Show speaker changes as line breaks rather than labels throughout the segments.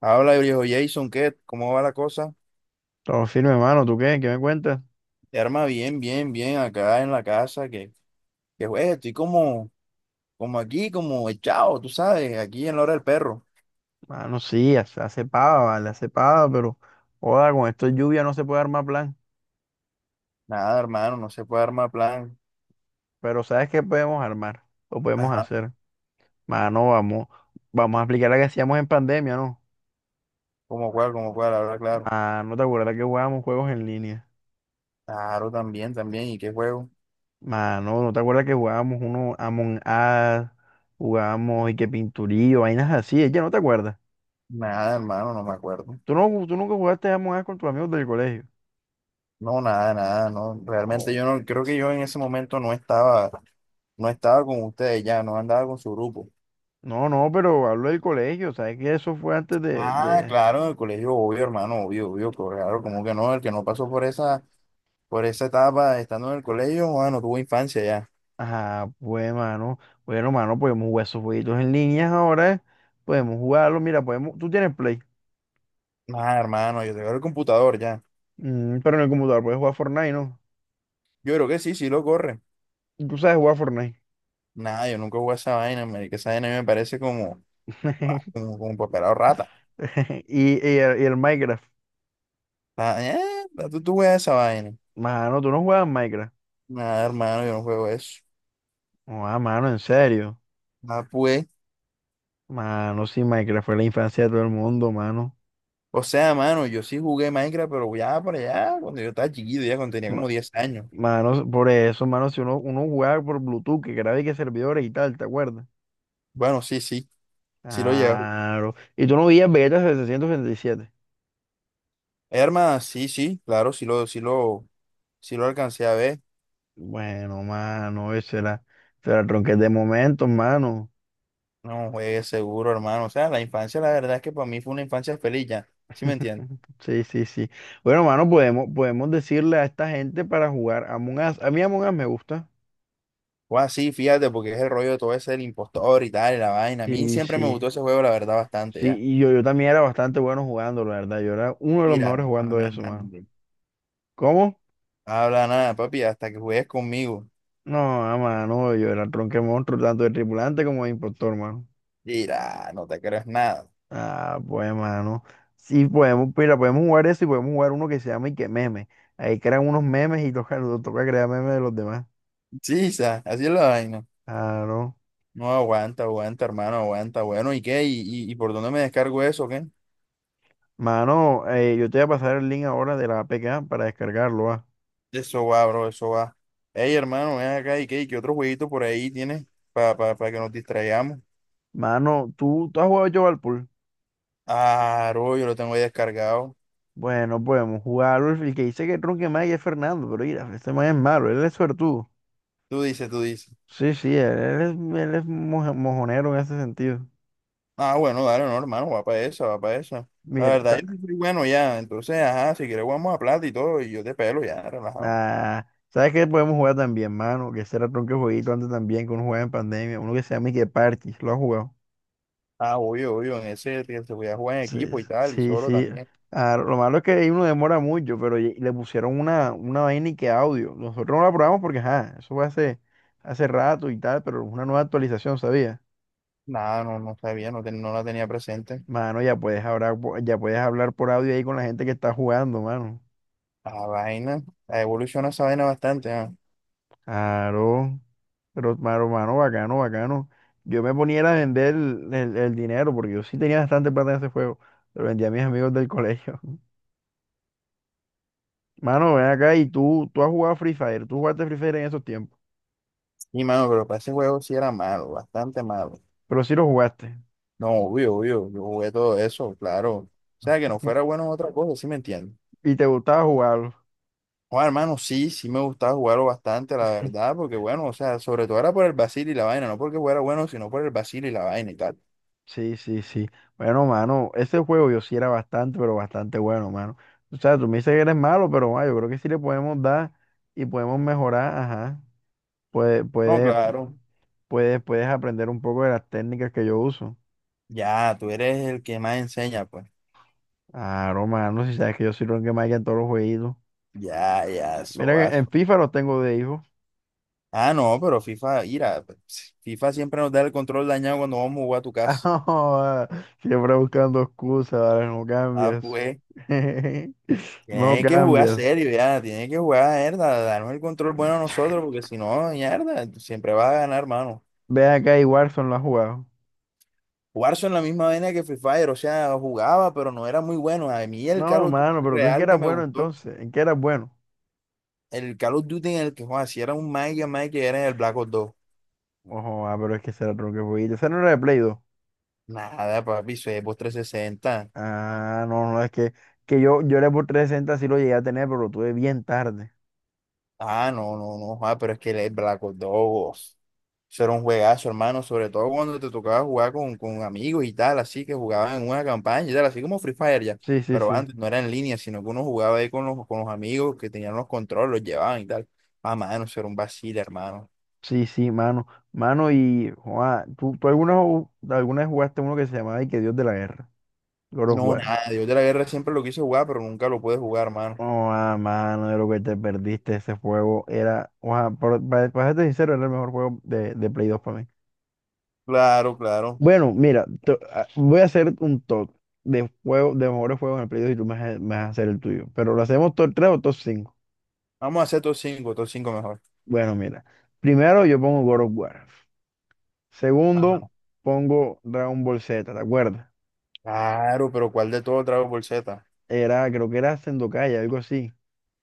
Habla, viejo Jason, ¿qué? ¿Cómo va la cosa?
Todo firme, hermano. ¿Tú qué? ¿Qué me cuentas?
Arma bien, bien, bien, acá en la casa, que juez, estoy como aquí, como echado, tú sabes, aquí en la hora del perro.
Mano, sí, hace pava, vale, hace pava, pero joda, con esto de lluvia no se puede armar plan.
Nada, hermano, no se puede armar plan.
Pero ¿sabes qué podemos armar? Lo podemos
Ajá.
hacer. Mano, vamos a aplicar la que hacíamos en pandemia, ¿no?
¿Cómo cuál, cómo cuál? Habla claro.
Mano, ¿te acuerdas que jugábamos juegos en línea?
Claro, también, también, ¿y qué juego?
Mano, ¿no te acuerdas que jugábamos uno Among Us, jugábamos y que pinturillo, vainas así? Ella no te acuerdas.
Nada, hermano, no me acuerdo.
¿Tú, no, tú nunca jugaste Among Us con tus amigos del colegio?
No, nada, nada, no. Realmente yo
Oh.
no, creo que yo en ese momento no estaba con ustedes ya, no andaba con su grupo.
No, no, pero hablo del colegio, ¿sabes que eso fue antes de,
Ah,
de-
claro, en el colegio, obvio, hermano, obvio, obvio, claro, como que no, el que no pasó por esa etapa, estando en el colegio, bueno, tuvo infancia ya.
Ajá, pues, mano. Bueno, mano, podemos jugar esos jueguitos en línea ahora. Podemos jugarlo. Mira, podemos. Tú tienes Play.
Nada, hermano, yo tengo el computador ya.
Pero en el computador puedes jugar Fortnite, ¿no?
Yo creo que sí, sí lo corre.
¿Y tú sabes jugar Fortnite?
Nada, yo nunca jugué a esa vaina, marica. Esa vaina a mí me parece como, ah, como, como papelado rata.
Y el Minecraft.
Ah, tú juegas esa vaina.
Mano, tú no juegas Minecraft.
Nada, hermano, yo no juego eso.
No, mano, en serio.
Ah, pues.
Mano, sí, Minecraft fue la infancia de todo el mundo, mano.
O sea, mano, yo sí jugué Minecraft, pero ya por allá, cuando yo estaba chiquito, ya cuando tenía
Ma-
como 10 años.
Mano, por eso, mano, si uno jugaba por Bluetooth, que grababa y que servidores y tal, ¿te acuerdas?
Bueno, sí, sí, sí lo llevo.
Claro. Y tú no veías Vegeta 767.
Hermano, sí, sí, claro, sí lo alcancé a ver.
Bueno, mano, ese era el tronquete de momentos, mano.
No, juegue seguro, hermano. O sea, la infancia, la verdad es que para mí fue una infancia feliz ya. ¿Sí me entiendes?
Sí, sí, sí. Bueno, mano, podemos decirle a esta gente para jugar Among Us. A mí Among Us me gusta.
Fue así, fíjate, porque es el rollo de todo ese del impostor y tal, y la vaina. A mí
Sí,
siempre me
sí.
gustó ese juego, la verdad, bastante
Sí,
ya.
y yo también era bastante bueno jugando, la verdad. Yo era uno de los
Mira,
mejores jugando eso, mano. ¿Cómo?
habla nada, papi, hasta que juegues conmigo.
No, mano, yo era el tronque monstruo, tanto de tripulante como de impostor, mano.
Mira, no te creas nada.
Ah, pues, mano. Sí, podemos, mira, podemos jugar eso y podemos jugar uno que se llama y que meme. Ahí crean unos memes y toca crear memes de los demás.
Chisa, así es la vaina.
Claro.
No aguanta, aguanta, hermano, aguanta. Bueno, ¿y qué? ¿Y por dónde me descargo eso, o qué?
Mano, yo te voy a pasar el link ahora de la APK para descargarlo, ah.
Eso va, bro, eso va. Ey, hermano, ven acá, ¿y qué? ¿Y qué otro jueguito por ahí tienes para que nos distraigamos?
Mano, ¿tú has jugado yo al pool?
Ah, bro, yo lo tengo ahí descargado.
Bueno, podemos jugarlo. El que dice que Tronque más es Fernando, pero mira, este man es malo, él es suertudo.
Tú dices, tú dices.
Sí, sí, él es mojonero en ese sentido.
Ah, bueno, dale, no, hermano, va para esa, va para esa. La
Mira,
verdad, yo sí soy bueno ya. Entonces, ajá, si quieres jugamos a plata y todo, y yo te pelo ya, relajado.
¿sabes qué podemos jugar también, mano? Que será tronque jueguito antes también, que uno jugaba en pandemia, uno que se llama Ike Parchís, ¿lo has jugado?
Ah, obvio, obvio, en ese que se voy a jugar en
Sí,
equipo y tal, y
sí,
solo
sí.
también.
Ah, lo malo es que ahí uno demora mucho, pero le pusieron una vaina y que audio. Nosotros no la probamos porque, ajá, eso fue hace rato y tal, pero una nueva actualización, ¿sabía?
Nada, no, no sabía, no, no la tenía presente.
Mano, ya puedes hablar por audio ahí con la gente que está jugando, mano.
La vaina, la evoluciona esa vaina bastante, ah.
Claro, pero, mano, mano, bacano, bacano. Yo me ponía era a vender el dinero porque yo sí tenía bastante plata en ese juego. Lo vendía a mis amigos del colegio. Mano, ven acá y tú has jugado Free Fire. Tú jugaste Free Fire en esos tiempos,
Y mano, pero para ese juego sí era malo, bastante malo.
pero sí lo jugaste.
No, obvio, obvio, yo jugué todo eso, claro. O sea, que no fuera bueno en otra cosa, sí me entiendes.
Y te gustaba jugarlo.
Joder, hermano, sí, sí me gustaba jugarlo bastante, la verdad, porque bueno, o sea, sobre todo era por el vacil y la vaina, no porque fuera bueno, sino por el vacil y la vaina y tal.
Sí, sí, sí. Bueno, mano, ese juego yo sí era bastante, pero bastante bueno, mano. O sea, tú me dices que eres malo, pero yo creo que sí le podemos dar y podemos mejorar, ajá. Puedes,
No,
puedes,
claro.
puedes aprender un poco de las técnicas que yo uso.
Ya, tú eres el que más enseña, pues.
Claro, mano, si sabes que yo soy que más en todos los jueguitos.
Ya, ya,
Mira
eso,
que en
eso.
FIFA los tengo de hijo.
Ah, no, pero FIFA, mira, pues, FIFA siempre nos da el control dañado cuando vamos a jugar a tu casa.
Ah, siempre buscando excusas, ¿vale? No
Ah,
cambias.
pues,
No
tienes que jugar
cambias.
serio, ya, tienes que jugar, mierda, darnos el control bueno a nosotros, porque si no, mierda, tú siempre vas a ganar, hermano.
¿Ve acá y Warzone lo has jugado?
Warzone en la misma vaina que Free Fire, o sea, jugaba, pero no era muy bueno. A mí el Call
No,
of Duty
mano, ¿pero tú en qué
real que
eras
me
bueno
gustó,
entonces, en qué eras bueno?
el Call of Duty en el que jugaba, si era un Mike, era en el Black Ops 2.
Ojo, ah, pero es que ese era otro que fue. Ese no era de Play 2.
Nada, papi, eso es Xbox 360.
Ah, no, no, es que yo era por 360 sí lo llegué a tener, pero lo tuve bien tarde.
Ah, no, no, no, joda, pero es que el Black Ops 2, eso era un juegazo, hermano, sobre todo cuando te tocaba jugar con amigos y tal, así que jugaban en una campaña y tal, así como Free Fire ya.
Sí, sí,
Pero
sí.
antes no era en línea, sino que uno jugaba ahí con los amigos que tenían los controles, los llevaban y tal. Ah, mano, eso era un vacile, hermano.
Sí, sí, mano. Mano, y Juan, ¿tú alguna vez jugaste uno que se llamaba y que Dios de la Guerra? God of
No,
War.
nada, Dios de la Guerra siempre lo quise jugar, pero nunca lo pude jugar, mano.
Oh, mano, de lo que te perdiste ese juego era, Juan, para serte sincero, era el mejor juego de Play 2 para mí.
Claro, claro.
Bueno, mira, voy a hacer un top de juego, de mejores juegos en el Play 2 y tú me vas a hacer el tuyo. Pero lo hacemos top tres o top cinco.
Vamos a hacer top cinco, top cinco mejor.
Bueno, mira. Primero yo pongo God of War. Segundo, pongo Dragon Ball Z, ¿te acuerdas?
Claro, pero ¿cuál de todo Dragon Ball Z?
Era, creo que era Sengokai, algo así.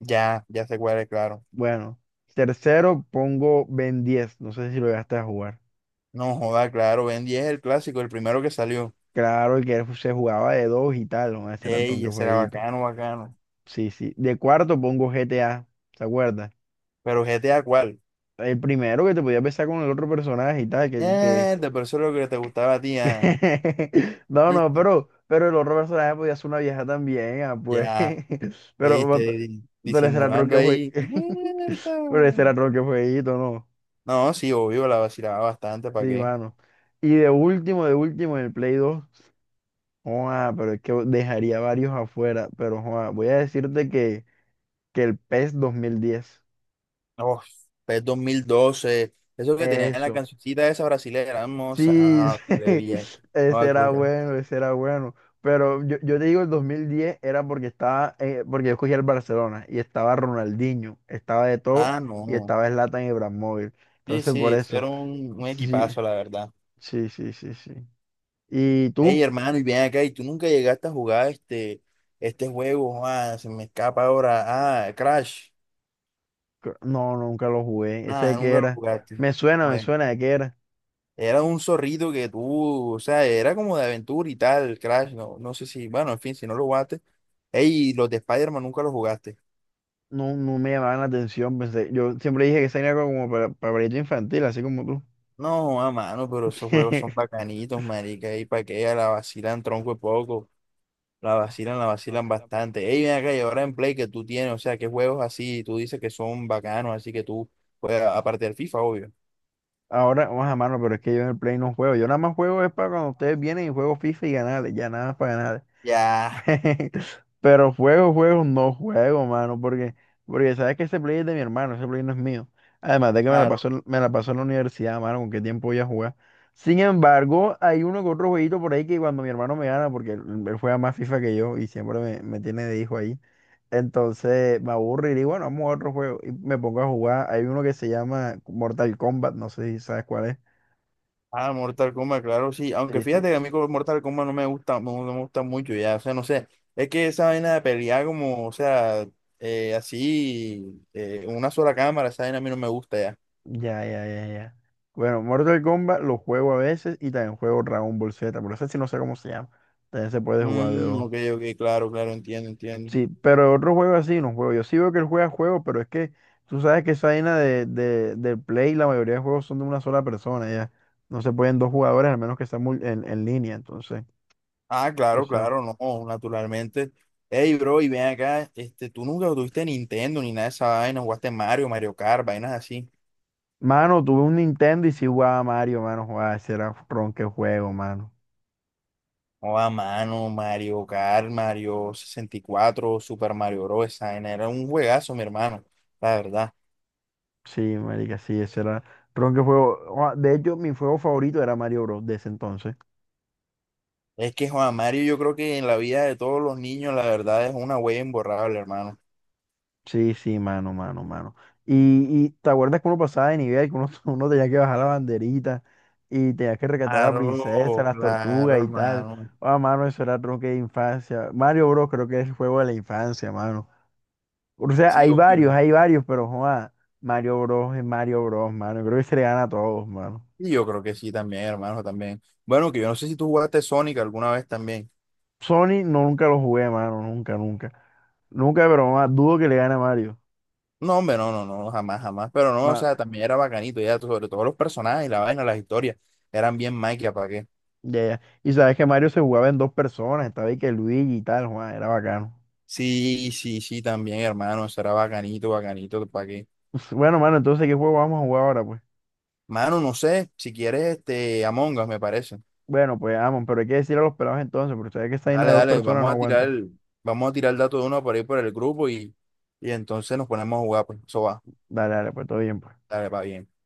Ya, ya sé cuál es, claro.
Bueno. Tercero, pongo Ben diez. No sé si lo llegaste a jugar.
No joda, claro, Ben 10 es el clásico, el primero que salió.
Claro, el se jugaba de dos y tal, ¿no? Ese era el
Ey,
ronque
ese era
jueguito.
bacano, bacano.
Sí, sí. De cuarto pongo GTA, ¿te acuerdas?
Pero GTA, ¿cuál?
El primero que te podías besar con el otro personaje y tal.
De por eso lo que te gustaba a ti, ah.
No, no,
¿Viste?
pero el otro personaje podía ser una vieja también, ah, pues.
Ya, ey,
Pero, pero ese era el
disimulando
que fue...
ahí.
Pero ese era
Mierda.
el que fueguito, ¿no?
No, sí, obvio, la vacilaba bastante,
Sí,
¿para qué?
mano. Y de último, en el Play 2 joa, pero es que dejaría varios afuera, pero joa, voy a decirte que el PES 2010
Oh, PES 2012, eso que tenía la
eso,
cancioncita esa brasilera, hermosa.
sí,
Ah, culé bien.
sí, ese
Ah,
era
culé.
bueno, ese era bueno. Pero yo te digo, el 2010 era porque porque yo escogí el Barcelona y estaba Ronaldinho, estaba de todo
Ah,
y
no.
estaba Zlatan Ibrahimovic.
Sí,
Entonces,
sí,
por
eso
eso,
era un
sí,
equipazo, la verdad.
sí, sí, sí, sí. ¿Y
Ey,
tú?
hermano, y bien acá, y tú nunca llegaste a jugar este juego, se me escapa ahora. Ah, Crash.
No, nunca lo jugué. ¿Ese
Nada,
de qué
nunca lo
era?
jugaste.
Me
Bueno,
suena de qué era.
era un zorrito que tú, o sea, era como de aventura y tal, Crash, no, no sé si, bueno, en fin, si no lo jugaste. Ey, y los de Spider-Man nunca los jugaste.
No, no me llamaban la atención, pensé. Yo siempre dije que ese era como para pajarito infantil, así como tú.
No, a mano, pero esos juegos son bacanitos, marica, y pa' que ella la vacilan tronco de poco, la
No,
vacilan
así la
bastante. Ey,
pasaste.
ven acá, y ahora en Play que tú tienes, o sea, qué juegos así, tú dices que son bacanos, así que tú juegas, aparte del FIFA, obvio.
Ahora, vamos a mano, pero es que yo en el Play no juego. Yo nada más juego es para cuando ustedes vienen y juego FIFA y ganar, ya nada más para ganar.
Ya,
Pero juego, no juego, mano, porque sabes que ese Play es de mi hermano, ese Play no es mío. Además de que me la
claro.
pasó, me la pasó en la universidad, mano, con qué tiempo voy a jugar. Sin embargo, hay uno que otro jueguito por ahí que cuando mi hermano me gana, porque él juega más FIFA que yo y siempre me tiene de hijo ahí. Entonces me aburro y digo, bueno, vamos a otro juego. Y me pongo a jugar. Hay uno que se llama Mortal Kombat, no sé si sabes cuál es.
Ah, Mortal Kombat, claro, sí. Aunque
Sí, sí.
fíjate que a mí como Mortal Kombat no me gusta, no, no me gusta mucho ya, o sea, no sé, es que esa vaina de pelear como, o sea, así, una sola cámara, esa vaina a mí no me gusta ya.
Ya, ya, ya, ya. Bueno, Mortal Kombat lo juego a veces y también juego Dragon Ball Z, pero ese sí no sé cómo se llama. También se puede jugar de
Mm,
dos.
ok, ok, claro, claro, entiendo, entiendo.
Sí, pero otro juego así no juego. Yo sí veo que él juega juegos, pero es que tú sabes que esa vaina del Play, la mayoría de juegos son de una sola persona, ya. No se pueden dos jugadores, al menos que estén en línea, entonces.
Ah,
O
claro,
sea.
claro, no, naturalmente. Ey, bro, y ven acá, tú nunca tuviste Nintendo ni nada de esa vaina, jugaste Mario, Mario Kart, vainas así.
Mano, tuve un Nintendo y sí jugaba Mario, mano, jugaba, ese era ronque juego, mano.
O a mano, Mario Kart, Mario 64, Super Mario Bros. Esa vaina era un juegazo, mi hermano, la verdad.
Sí, marica, sí, ese era ron que juego. De hecho, mi juego favorito era Mario Bros. De ese entonces.
Es que Juan Mario, yo creo que en la vida de todos los niños, la verdad es una huella imborrable, hermano.
Sí, sí, mano, mano, mano. Y, y te acuerdas que uno pasaba de nivel, que uno, uno tenía que bajar la banderita y tenía que rescatar a la princesa,
Claro,
las
claro,
tortugas y tal.
hermano.
Ah, mano, eso era tronque de infancia. Mario Bros. Creo que es el juego de la infancia, mano. O sea,
Sí, obvio.
hay varios, pero joa, Mario Bros. Es Mario Bros, mano. Creo que se le gana a todos, mano.
Y yo creo que sí también, hermano, también. Bueno, que yo no sé si tú jugaste Sonic alguna vez también.
Sony no, nunca lo jugué, mano, nunca, nunca. Nunca, pero más dudo que le gane a Mario.
No, hombre, no, no, no, jamás, jamás. Pero no, o
Ma-
sea, también era bacanito, ya, sobre todo los personajes y la vaina, las historias, eran bien maquia, ¿para qué?
ya, ya. Y sabes que Mario se jugaba en dos personas, estaba ahí que Luigi y tal, Juan, era bacano.
Sí, sí, sí, también, hermano, eso era bacanito, bacanito, ¿para qué?
Bueno, mano, entonces, ¿qué juego vamos a jugar ahora, pues?
Mano, no sé, si quieres, Among Us, me parece.
Bueno, pues, vamos, pero hay que decir a los pelados entonces, porque sabes que esa vaina de
Dale,
dos
dale,
personas
vamos
no
a tirar
aguanta.
el, vamos a tirar el dato de uno por ahí por el grupo y entonces nos ponemos a jugar, pues, eso va,
Dale, dale, pues todo bien, pues.
dale, va bien.